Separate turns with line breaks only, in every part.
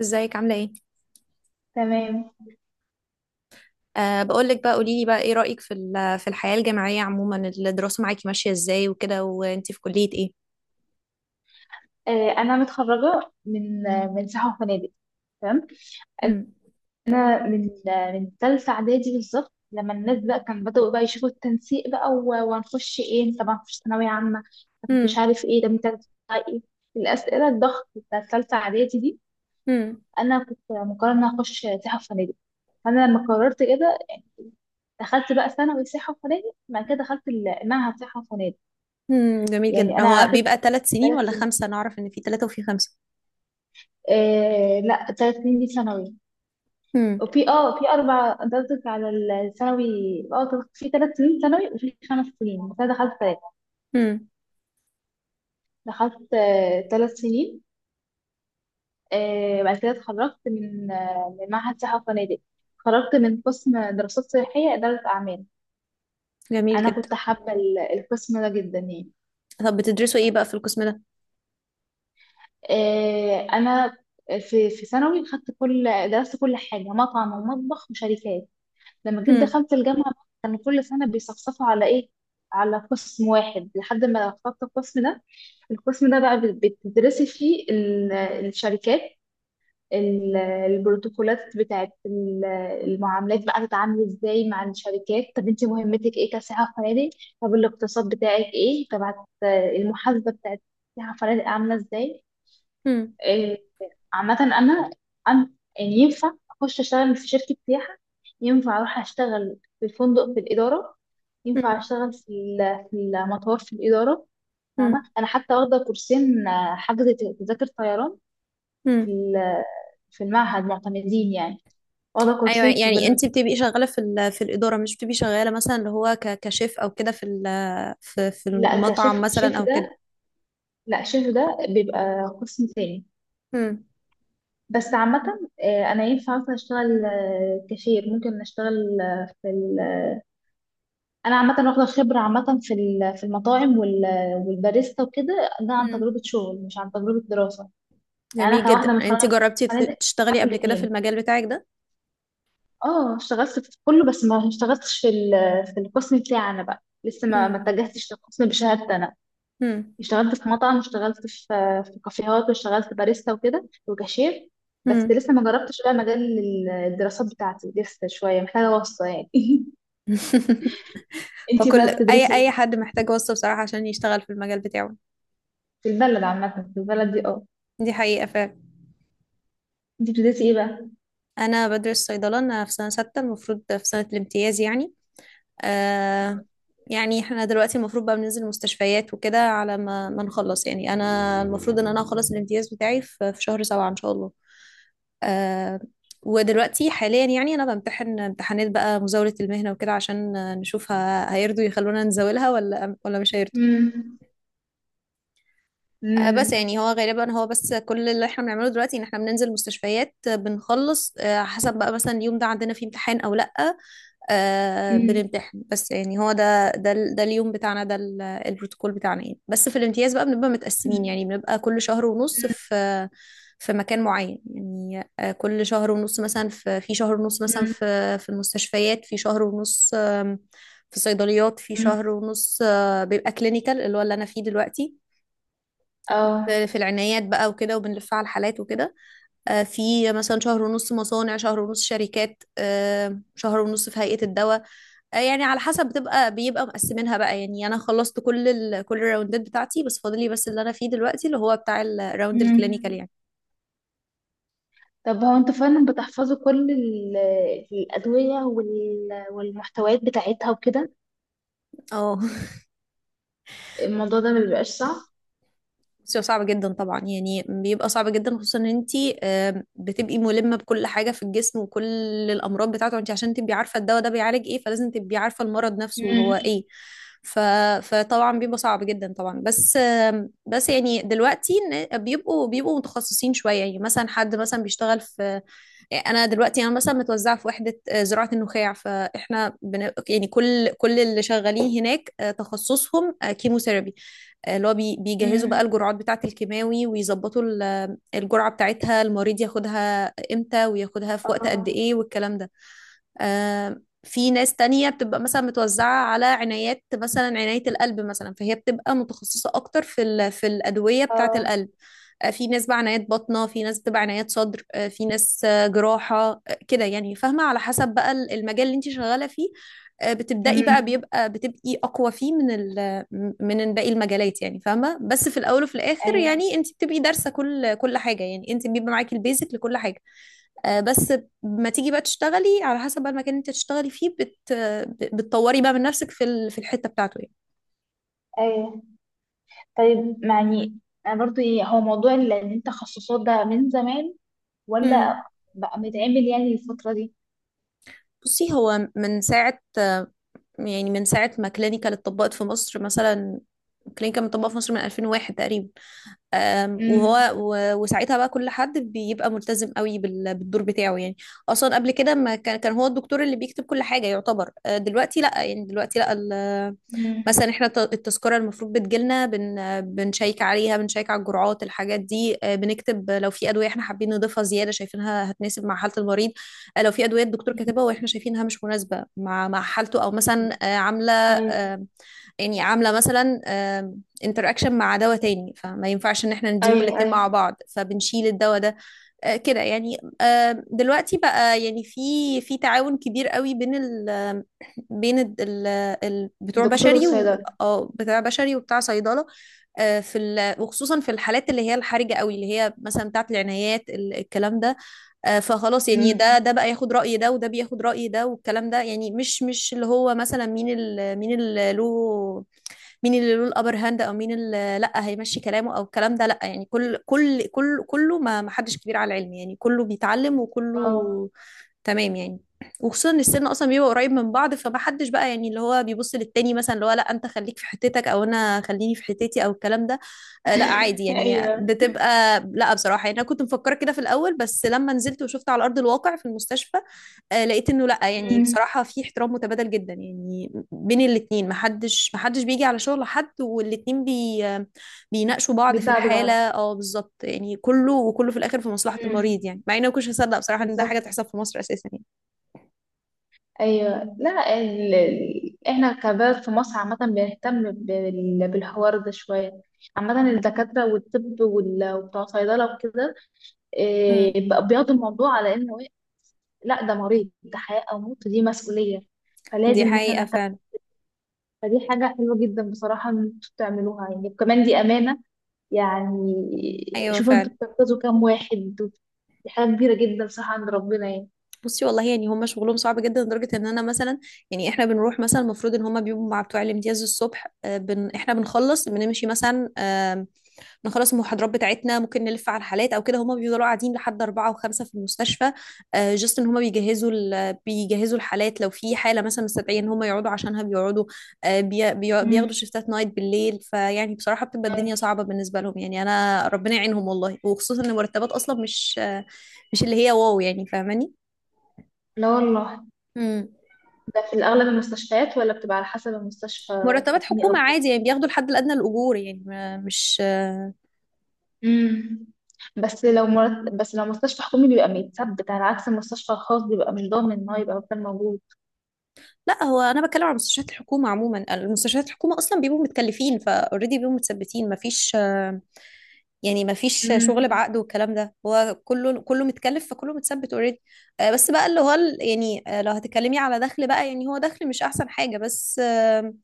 ازيك عاملة ايه؟
تمام.
أه بقول لك بقى قولي لي بقى ايه رأيك في في الحياة الجامعية عموما. الدراسة معاكي ماشية ازاي وكده، وانتي في كلية ايه؟
انا متخرجه من من سياحه وفنادق. تمام.
مم.
انا من من ثالثه اعدادي بالظبط، لما الناس بقى كان بدأوا بقى يشوفوا التنسيق بقى وهنخش ايه؟ طب هنخش ثانويه عامه؟ طب مش
مم.
عارف ايه؟ طب انت هتطلع ايه؟ الاسئله الضغط بتاع ثالثه اعدادي دي.
مم.
انا كنت مقرره ان أنا اخش سياحه وفنادق. فانا لما قررت كده، دخلت بقى ثانوي سياحة وفنادق، بعد كده دخلت المعهد سياحة وفنادق.
مم. جميل
يعني
جدا،
أنا
هو
قعدت
بيبقى 3 سنين
ثلاث
ولا
سنين
خمسة؟ أنا أعرف إن في ثلاثة وفي خمسة.
لا، 3 سنين دي ثانوي.
مم.
وفي في اربع، انت قصدك على الثانوي؟ اه في 3 سنين ثانوي وفي 5 سنين، بس انا دخلت ثلاث.
مم.
دخلت 3 سنين. بعد كده اتخرجت من من معهد سياحة وفنادق، اتخرجت من قسم دراسات سياحية إدارة أعمال.
جميل
أنا
جدا.
كنت حابة القسم ده جدا يعني.
طب بتدرسوا ايه بقى في القسم ده؟
أنا في ثانوي خدت كل درست كل حاجة، مطعم ومطبخ وشركات. لما جيت
مم.
دخلت الجامعة بقى، كان كل سنة بيصفصفوا على إيه؟ على قسم واحد لحد ما اخترت القسم ده. القسم ده بقى بتدرسي فيه الشركات، ال- البروتوكولات بتاعت المعاملات، بقى تتعاملي ازاي مع الشركات. طب انت مهمتك ايه كسائحة فنادق؟ طب الاقتصاد بتاعك ايه؟ طب المحاسبة بتاعت سائحة فنادق عاملة ازاي؟
مم.
عامة أنا يعني ينفع أخش أشتغل في شركة سياحة، ينفع أروح أشتغل في الفندق في الإدارة، ينفع
مم.
أشتغل في المطار في الإدارة. فاهمة؟
مم.
أنا حتى واخدة كورسين، حجز تذاكر طيران في
مم.
ال- في المعهد، معتمدين يعني. واخدة
أيوة،
كورسين في
يعني
برنامج.
انتي بتبقي شغالة في في الإدارة، مش بتبقي شغالة مثلا اللي هو كشيف أو كده في في
لا،
المطعم مثلا
شيف
أو كده.
ده، لا، شيف ده بيبقى قسم تاني.
مم.
بس عامة أنا ينفع مثلا أشتغل كاشير، ممكن أشتغل في ال. انا عامه واخده خبره عامه في المطاعم والباريستا وكده. ده عن تجربه شغل مش عن تجربه دراسه. يعني انا
جميل
كواحده
جدا.
متخرجه
انت
من
جربتي
فنادق،
تشتغلي
في
قبل كده في
الاثنين
المجال بتاعك ده؟
اه اشتغلت في كله، بس ما اشتغلتش في القسم بتاعنا بقى، لسه ما
امم.
اتجهتش للقسم بشهادتي انا.
امم.
اشتغلت في مطعم، واشتغلت في كافيهات، واشتغلت باريستا وكده وكاشير. بس
امم.
لسه ما جربتش بقى مجال الدراسات بتاعتي، لسه شويه محتاجه واسطه يعني انتي
وكل
بقى
اي
بتدرسي
اي
ايه؟
حد محتاج وصفة بصراحة عشان يشتغل في المجال بتاعه.
في البلد عامه، في البلد دي اه.
دي حقيقة فعلا.
انتي بتدرسي ايه بقى؟
انا بدرس صيدلة، انا في سنة 6، المفروض في سنة الامتياز يعني. آه. يعني احنا دلوقتي المفروض بقى بننزل المستشفيات وكده على ما نخلص، يعني انا المفروض ان انا اخلص الامتياز بتاعي في شهر 7 ان شاء الله. آه. ودلوقتي حاليا يعني انا بمتحن امتحانات بقى مزاولة المهنة وكده، عشان نشوف هيرضوا يخلونا نزاولها ولا مش هيرضوا.
امم.
بس
امم.
يعني هو غالبا هو بس كل اللي احنا بنعمله دلوقتي ان احنا بننزل مستشفيات، بنخلص حسب بقى مثلا اليوم ده عندنا فيه امتحان او لا.
امم.
بنمتحن. بس يعني هو ده اليوم بتاعنا، ده البروتوكول بتاعنا يعني. بس في الامتياز بقى بنبقى متقسمين، يعني بنبقى كل شهر ونص في في مكان معين يعني. كل شهر ونص مثلا في في شهر ونص مثلا
امم.
في في المستشفيات، في شهر ونص في صيدليات، في شهر ونص بيبقى كلينيكال اللي هو اللي انا فيه دلوقتي
اه.
في العنايات بقى وكده، وبنلف على الحالات وكده. في مثلا شهر ونص مصانع، شهر ونص شركات، شهر ونص في هيئة الدواء. يعني على حسب، بيبقى مقسمينها بقى يعني. انا خلصت كل كل الراوندات بتاعتي، بس فاضلي بس اللي انا فيه دلوقتي اللي هو بتاع الراوند الكلينيكال
امم.
يعني.
طب هو انت فعلا بتحفظوا كل الأدوية والمحتويات بتاعتها وكده؟
اه.
الموضوع ده ما بيبقاش صعب؟
بصي، هو صعب جدا طبعا، يعني بيبقى صعب جدا، خصوصا ان انت بتبقي ملمه بكل حاجه في الجسم وكل الامراض بتاعته، انت عشان تبقي عارفه الدواء ده بيعالج ايه فلازم تبقي عارفه المرض نفسه وهو
امم.
ايه. ف... فطبعا بيبقى صعب جدا طبعا، بس يعني دلوقتي بيبقوا متخصصين شويه يعني. مثلا حد مثلا بيشتغل في، انا دلوقتي انا مثلا متوزعه في وحده زراعه النخاع، فاحنا يعني كل اللي شغالين هناك تخصصهم كيموثيرابي. اللي هو بيجهزوا بقى
امم.
الجرعات بتاعة الكيماوي، ويظبطوا الجرعة بتاعتها، المريض ياخدها امتى وياخدها في وقت قد
اه.
ايه والكلام ده. في ناس تانية بتبقى مثلا متوزعة على عنايات، مثلا عناية القلب مثلا، فهي بتبقى متخصصة أكتر في في الأدوية بتاعة
اه.
القلب. في ناس بقى عنايات باطنة، في ناس بتبقى عنايات صدر، في ناس جراحة، كده يعني فاهمة، على حسب بقى المجال اللي انت شغالة فيه. بتبدأي بقى،
امم.
بيبقى بتبقي أقوى فيه من من باقي المجالات يعني فاهمة. بس في الأول وفي الآخر
ايوه.
يعني انت بتبقي دارسة كل حاجة، يعني انت بيبقى معاكي البيزك لكل حاجة. بس ما تيجي بقى تشتغلي على حسب بقى المكان اللي انت تشتغلي فيه، بتطوري بقى من نفسك في في الحتة بتاعته يعني.
ايوه. طيب يعني، انا برضو ايه، هو موضوع ان انت تخصصات ده من زمان
امم.
ولا بقى متعمل يعني الفترة دي؟
بصي، هو من ساعة، يعني من ساعة ما كلينيكال اتطبقت في مصر مثلا، كلينيكال متطبقة في مصر من 2001 تقريبا.
امم.
وهو وساعتها بقى كل حد بيبقى ملتزم قوي بالدور بتاعه يعني. اصلا قبل كده ما كان هو الدكتور اللي بيكتب كل حاجه، يعتبر. دلوقتي لا، يعني دلوقتي لا
امم.
مثلا احنا التذكره المفروض بتجيلنا، بنشيك عليها، بنشيك على الجرعات، الحاجات دي. بنكتب لو في ادويه احنا حابين نضيفها زياده شايفينها هتناسب مع حاله المريض. لو في ادويه الدكتور كاتبها واحنا شايفينها مش مناسبه مع حالته، او مثلا عامله،
ايوه.
أه، يعني عامله مثلا انتراكشن مع دواء تاني، فما ينفعش ان احنا نديهم
ايوه.
الاتنين
ايوه،
مع بعض، فبنشيل الدواء ده. كده يعني. دلوقتي بقى يعني في تعاون كبير قوي بين ال بين ال ال بتوع
الدكتور
بشري و
والصيدلة.
آه، بتاع بشري وبتاع صيدلة. في وخصوصا في الحالات اللي هي الحرجة قوي، اللي هي مثلا بتاعت العنايات الكلام ده. فخلاص يعني، ده
امم.
ده بقى ياخد رأي ده، وده بياخد رأي ده، والكلام ده. يعني مش اللي هو مثلا مين مين اللي له، مين اللي له الابر هاند، او مين اللي لا هيمشي كلامه او الكلام ده، لا. يعني كل كل كل كله، ما حدش كبير على العلم يعني، كله بيتعلم
اه.
وكله تمام يعني. وخصوصا ان السن اصلا بيبقى قريب من بعض، فما حدش بقى يعني اللي هو بيبص للتاني مثلا اللي هو لا انت خليك في حتتك او انا خليني في حتتي او الكلام ده. لا، عادي يعني
ايوه.
بتبقى، لا بصراحه يعني انا كنت مفكره كده في الاول، بس لما نزلت وشفت على ارض الواقع في المستشفى، لقيت انه لا، يعني
امم.
بصراحه في احترام متبادل جدا يعني بين الاثنين، محدش بيجي على شغل حد، والاثنين بي آه، بيناقشوا بعض في
بيساعدوا
الحاله،
بعض.
بالظبط يعني، كله وكله في الاخر في مصلحه
امم.
المريض يعني. مع اني ما كنتش هصدق بصراحه ان ده حاجه
بالظبط.
تحصل في مصر اساسا يعني.
ايوه. لا، احنا كبلد في مصر عامة بنهتم بالحوار ده شوية. عامة الدكاترة والطب وبتوع صيدلة وكده
امم.
بقى بياخدوا الموضوع على انه لا، ده مريض، ده حياة او موت، دي مسؤولية،
دي
فلازم ان احنا
حقيقه
نهتم.
فعلا.
فدي حاجة حلوة جدا بصراحة ان انتوا تعملوها، يعني وكمان دي أمانة يعني.
ايوه
شوفوا انتوا
فعلا.
بتنقذوا كام واحد، دي حاجة كبيرة جدا صح عند ربنا يعني.
بصي والله، يعني هم شغلهم صعب جدا لدرجه ان انا مثلا، يعني احنا بنروح مثلا المفروض ان هم بيبقوا مع بتوع الامتياز الصبح، آه، بن احنا بنخلص بنمشي مثلا، نخلص المحاضرات بتاعتنا، ممكن نلف على الحالات او كده، هما بيفضلوا قاعدين لحد 4 و5 في المستشفى. جست ان هما بيجهزوا بيجهزوا الحالات. لو في حالة مثلا مستدعية ان هما يقعدوا عشانها بيقعدوا. بياخدوا
امم.
شيفتات نايت بالليل، فيعني بصراحة بتبقى
أيوة.
الدنيا صعبة بالنسبة لهم يعني. انا ربنا يعينهم والله، وخصوصا ان المرتبات اصلا مش مش اللي هي واو، يعني فاهماني.
لا والله.
مم.
ده في الأغلب المستشفيات ولا بتبقى على حسب المستشفى،
مرتبات
حكومي
حكومة
أو
عادي،
خاص؟
يعني بياخدوا الحد الأدنى للأجور يعني. مش،
امم. بس لو مستشفى حكومي بيبقى متثبت، على عكس المستشفى الخاص بيبقى مش ضامن إن هو يبقى مكان موجود.
لا، هو انا بتكلم على مستشفيات الحكومه عموما. المستشفيات الحكومه اصلا بيبقوا متكلفين فاوريدي، بيبقوا متثبتين، مفيش، يعني مفيش شغل
امم.
بعقد والكلام ده، هو كله كله متكلف فكله متثبت اوريدي. بس بقى اللي هو يعني لو هتتكلمي على دخل بقى، يعني هو دخل مش احسن حاجه. بس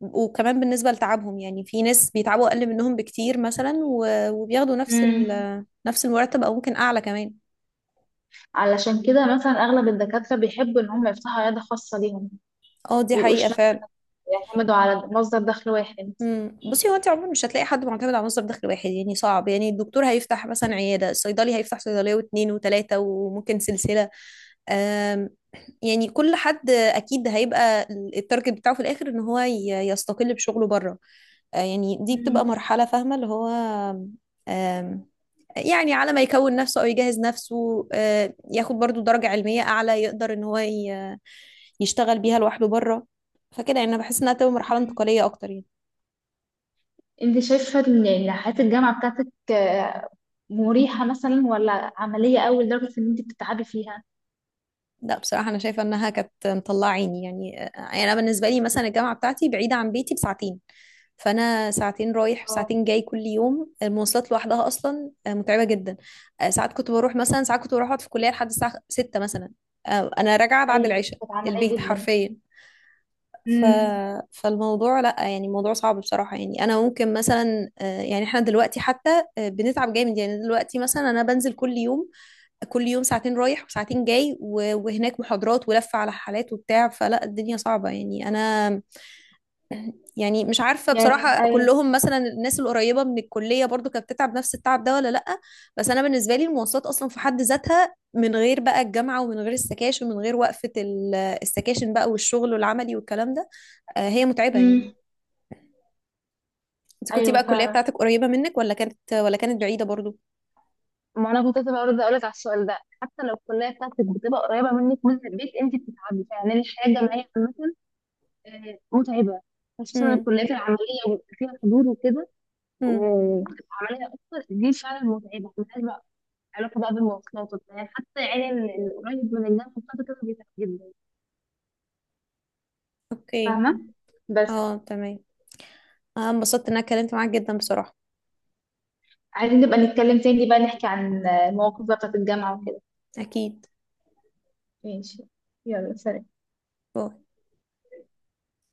وكمان بالنسبه لتعبهم، يعني في ناس بيتعبوا اقل منهم بكتير مثلا وبياخدوا نفس
امم.
نفس المرتب، او ممكن اعلى كمان.
علشان كده مثلا أغلب الدكاترة بيحبوا إن هم يفتحوا عيادة خاصة ليهم،
اه دي
مبيبقوش
حقيقه
مثلا
فعلا.
يعتمدوا على مصدر دخل واحد.
مم. بصي، هو انت عموما مش هتلاقي حد معتمد على مصدر دخل واحد، يعني صعب. يعني الدكتور هيفتح مثلا عياده، الصيدلي هيفتح صيدليه واثنين وثلاثه وممكن سلسله. آم، يعني كل حد اكيد هيبقى التارجت بتاعه في الاخر ان هو يستقل بشغله بره. يعني دي بتبقى
أمم.
مرحله فاهمه اللي هو، آم، يعني على ما يكون نفسه او يجهز نفسه، ياخد برضو درجه علميه اعلى يقدر ان هو يشتغل بيها لوحده بره. فكده يعني انا بحس انها تبقى مرحله انتقاليه اكتر يعني.
انت شايفة ان حياة الجامعة بتاعتك مريحة مثلا، ولا عملية أوي لدرجة ان انت بتتعبي فيها؟
لا بصراحة أنا شايفة إنها كانت مطلعة عيني يعني. أنا بالنسبة لي مثلا الجامعة بتاعتي بعيدة عن بيتي بساعتين، فأنا ساعتين رايح
اه.
وساعتين جاي كل يوم. المواصلات لوحدها أصلا متعبة جدا. ساعات كنت بروح أقعد في الكلية لحد الساعة 6 مثلا. أنا راجعة بعد
ايوه،
العشاء
كانت
البيت
عمليه جدا.
حرفيا. ف...
امم.
فالموضوع، لا يعني موضوع صعب بصراحة. يعني أنا ممكن مثلا يعني إحنا دلوقتي حتى بنتعب جامد يعني. دلوقتي مثلا أنا بنزل كل يوم، كل يوم ساعتين رايح وساعتين جاي وهناك محاضرات ولفة على حالات وبتاع، فلا الدنيا صعبة يعني. أنا يعني مش عارفة
يعني
بصراحة،
ايوه.
كلهم مثلا الناس القريبة من الكلية برضو كانت بتتعب نفس التعب ده ولا لأ، بس أنا بالنسبة لي المواصلات أصلا في حد ذاتها من غير بقى الجامعة ومن غير السكاشن ومن غير وقفة السكاشن بقى والشغل والعملي والكلام ده، هي متعبة
امم.
يعني. أنت كنتي
ايوه
بقى الكلية
فعلا.
بتاعتك قريبة منك ولا كانت بعيدة برضو؟
ما انا كنت لسه برضه اقول لك على السؤال ده، حتى لو الكليه بتاعتك بتبقى قريبه منك من البيت انت بتتعبي. يعني الحياه الجامعيه عامه متعبه، خصوصا
امم.
الكليات العمليه وبيبقى فيها حضور وكده.
امم.
بتبقى عمليه اكتر، دي فعلا متعبه علاقة بقى بالمواصلات وبتاع. يعني حتى يعني القريب من الناس مبسوطة كده بيتعب جدا.
اوكي.
فاهمة؟ بس
اه تمام. انا انبسطت ان انا اتكلمت معاك جدا بصراحة.
عايزين نبقى نتكلم تاني بقى، نحكي عن المواقف بقى بتاعت الجامعة وكده.
اكيد.
ماشي. يلا سلام.
باي.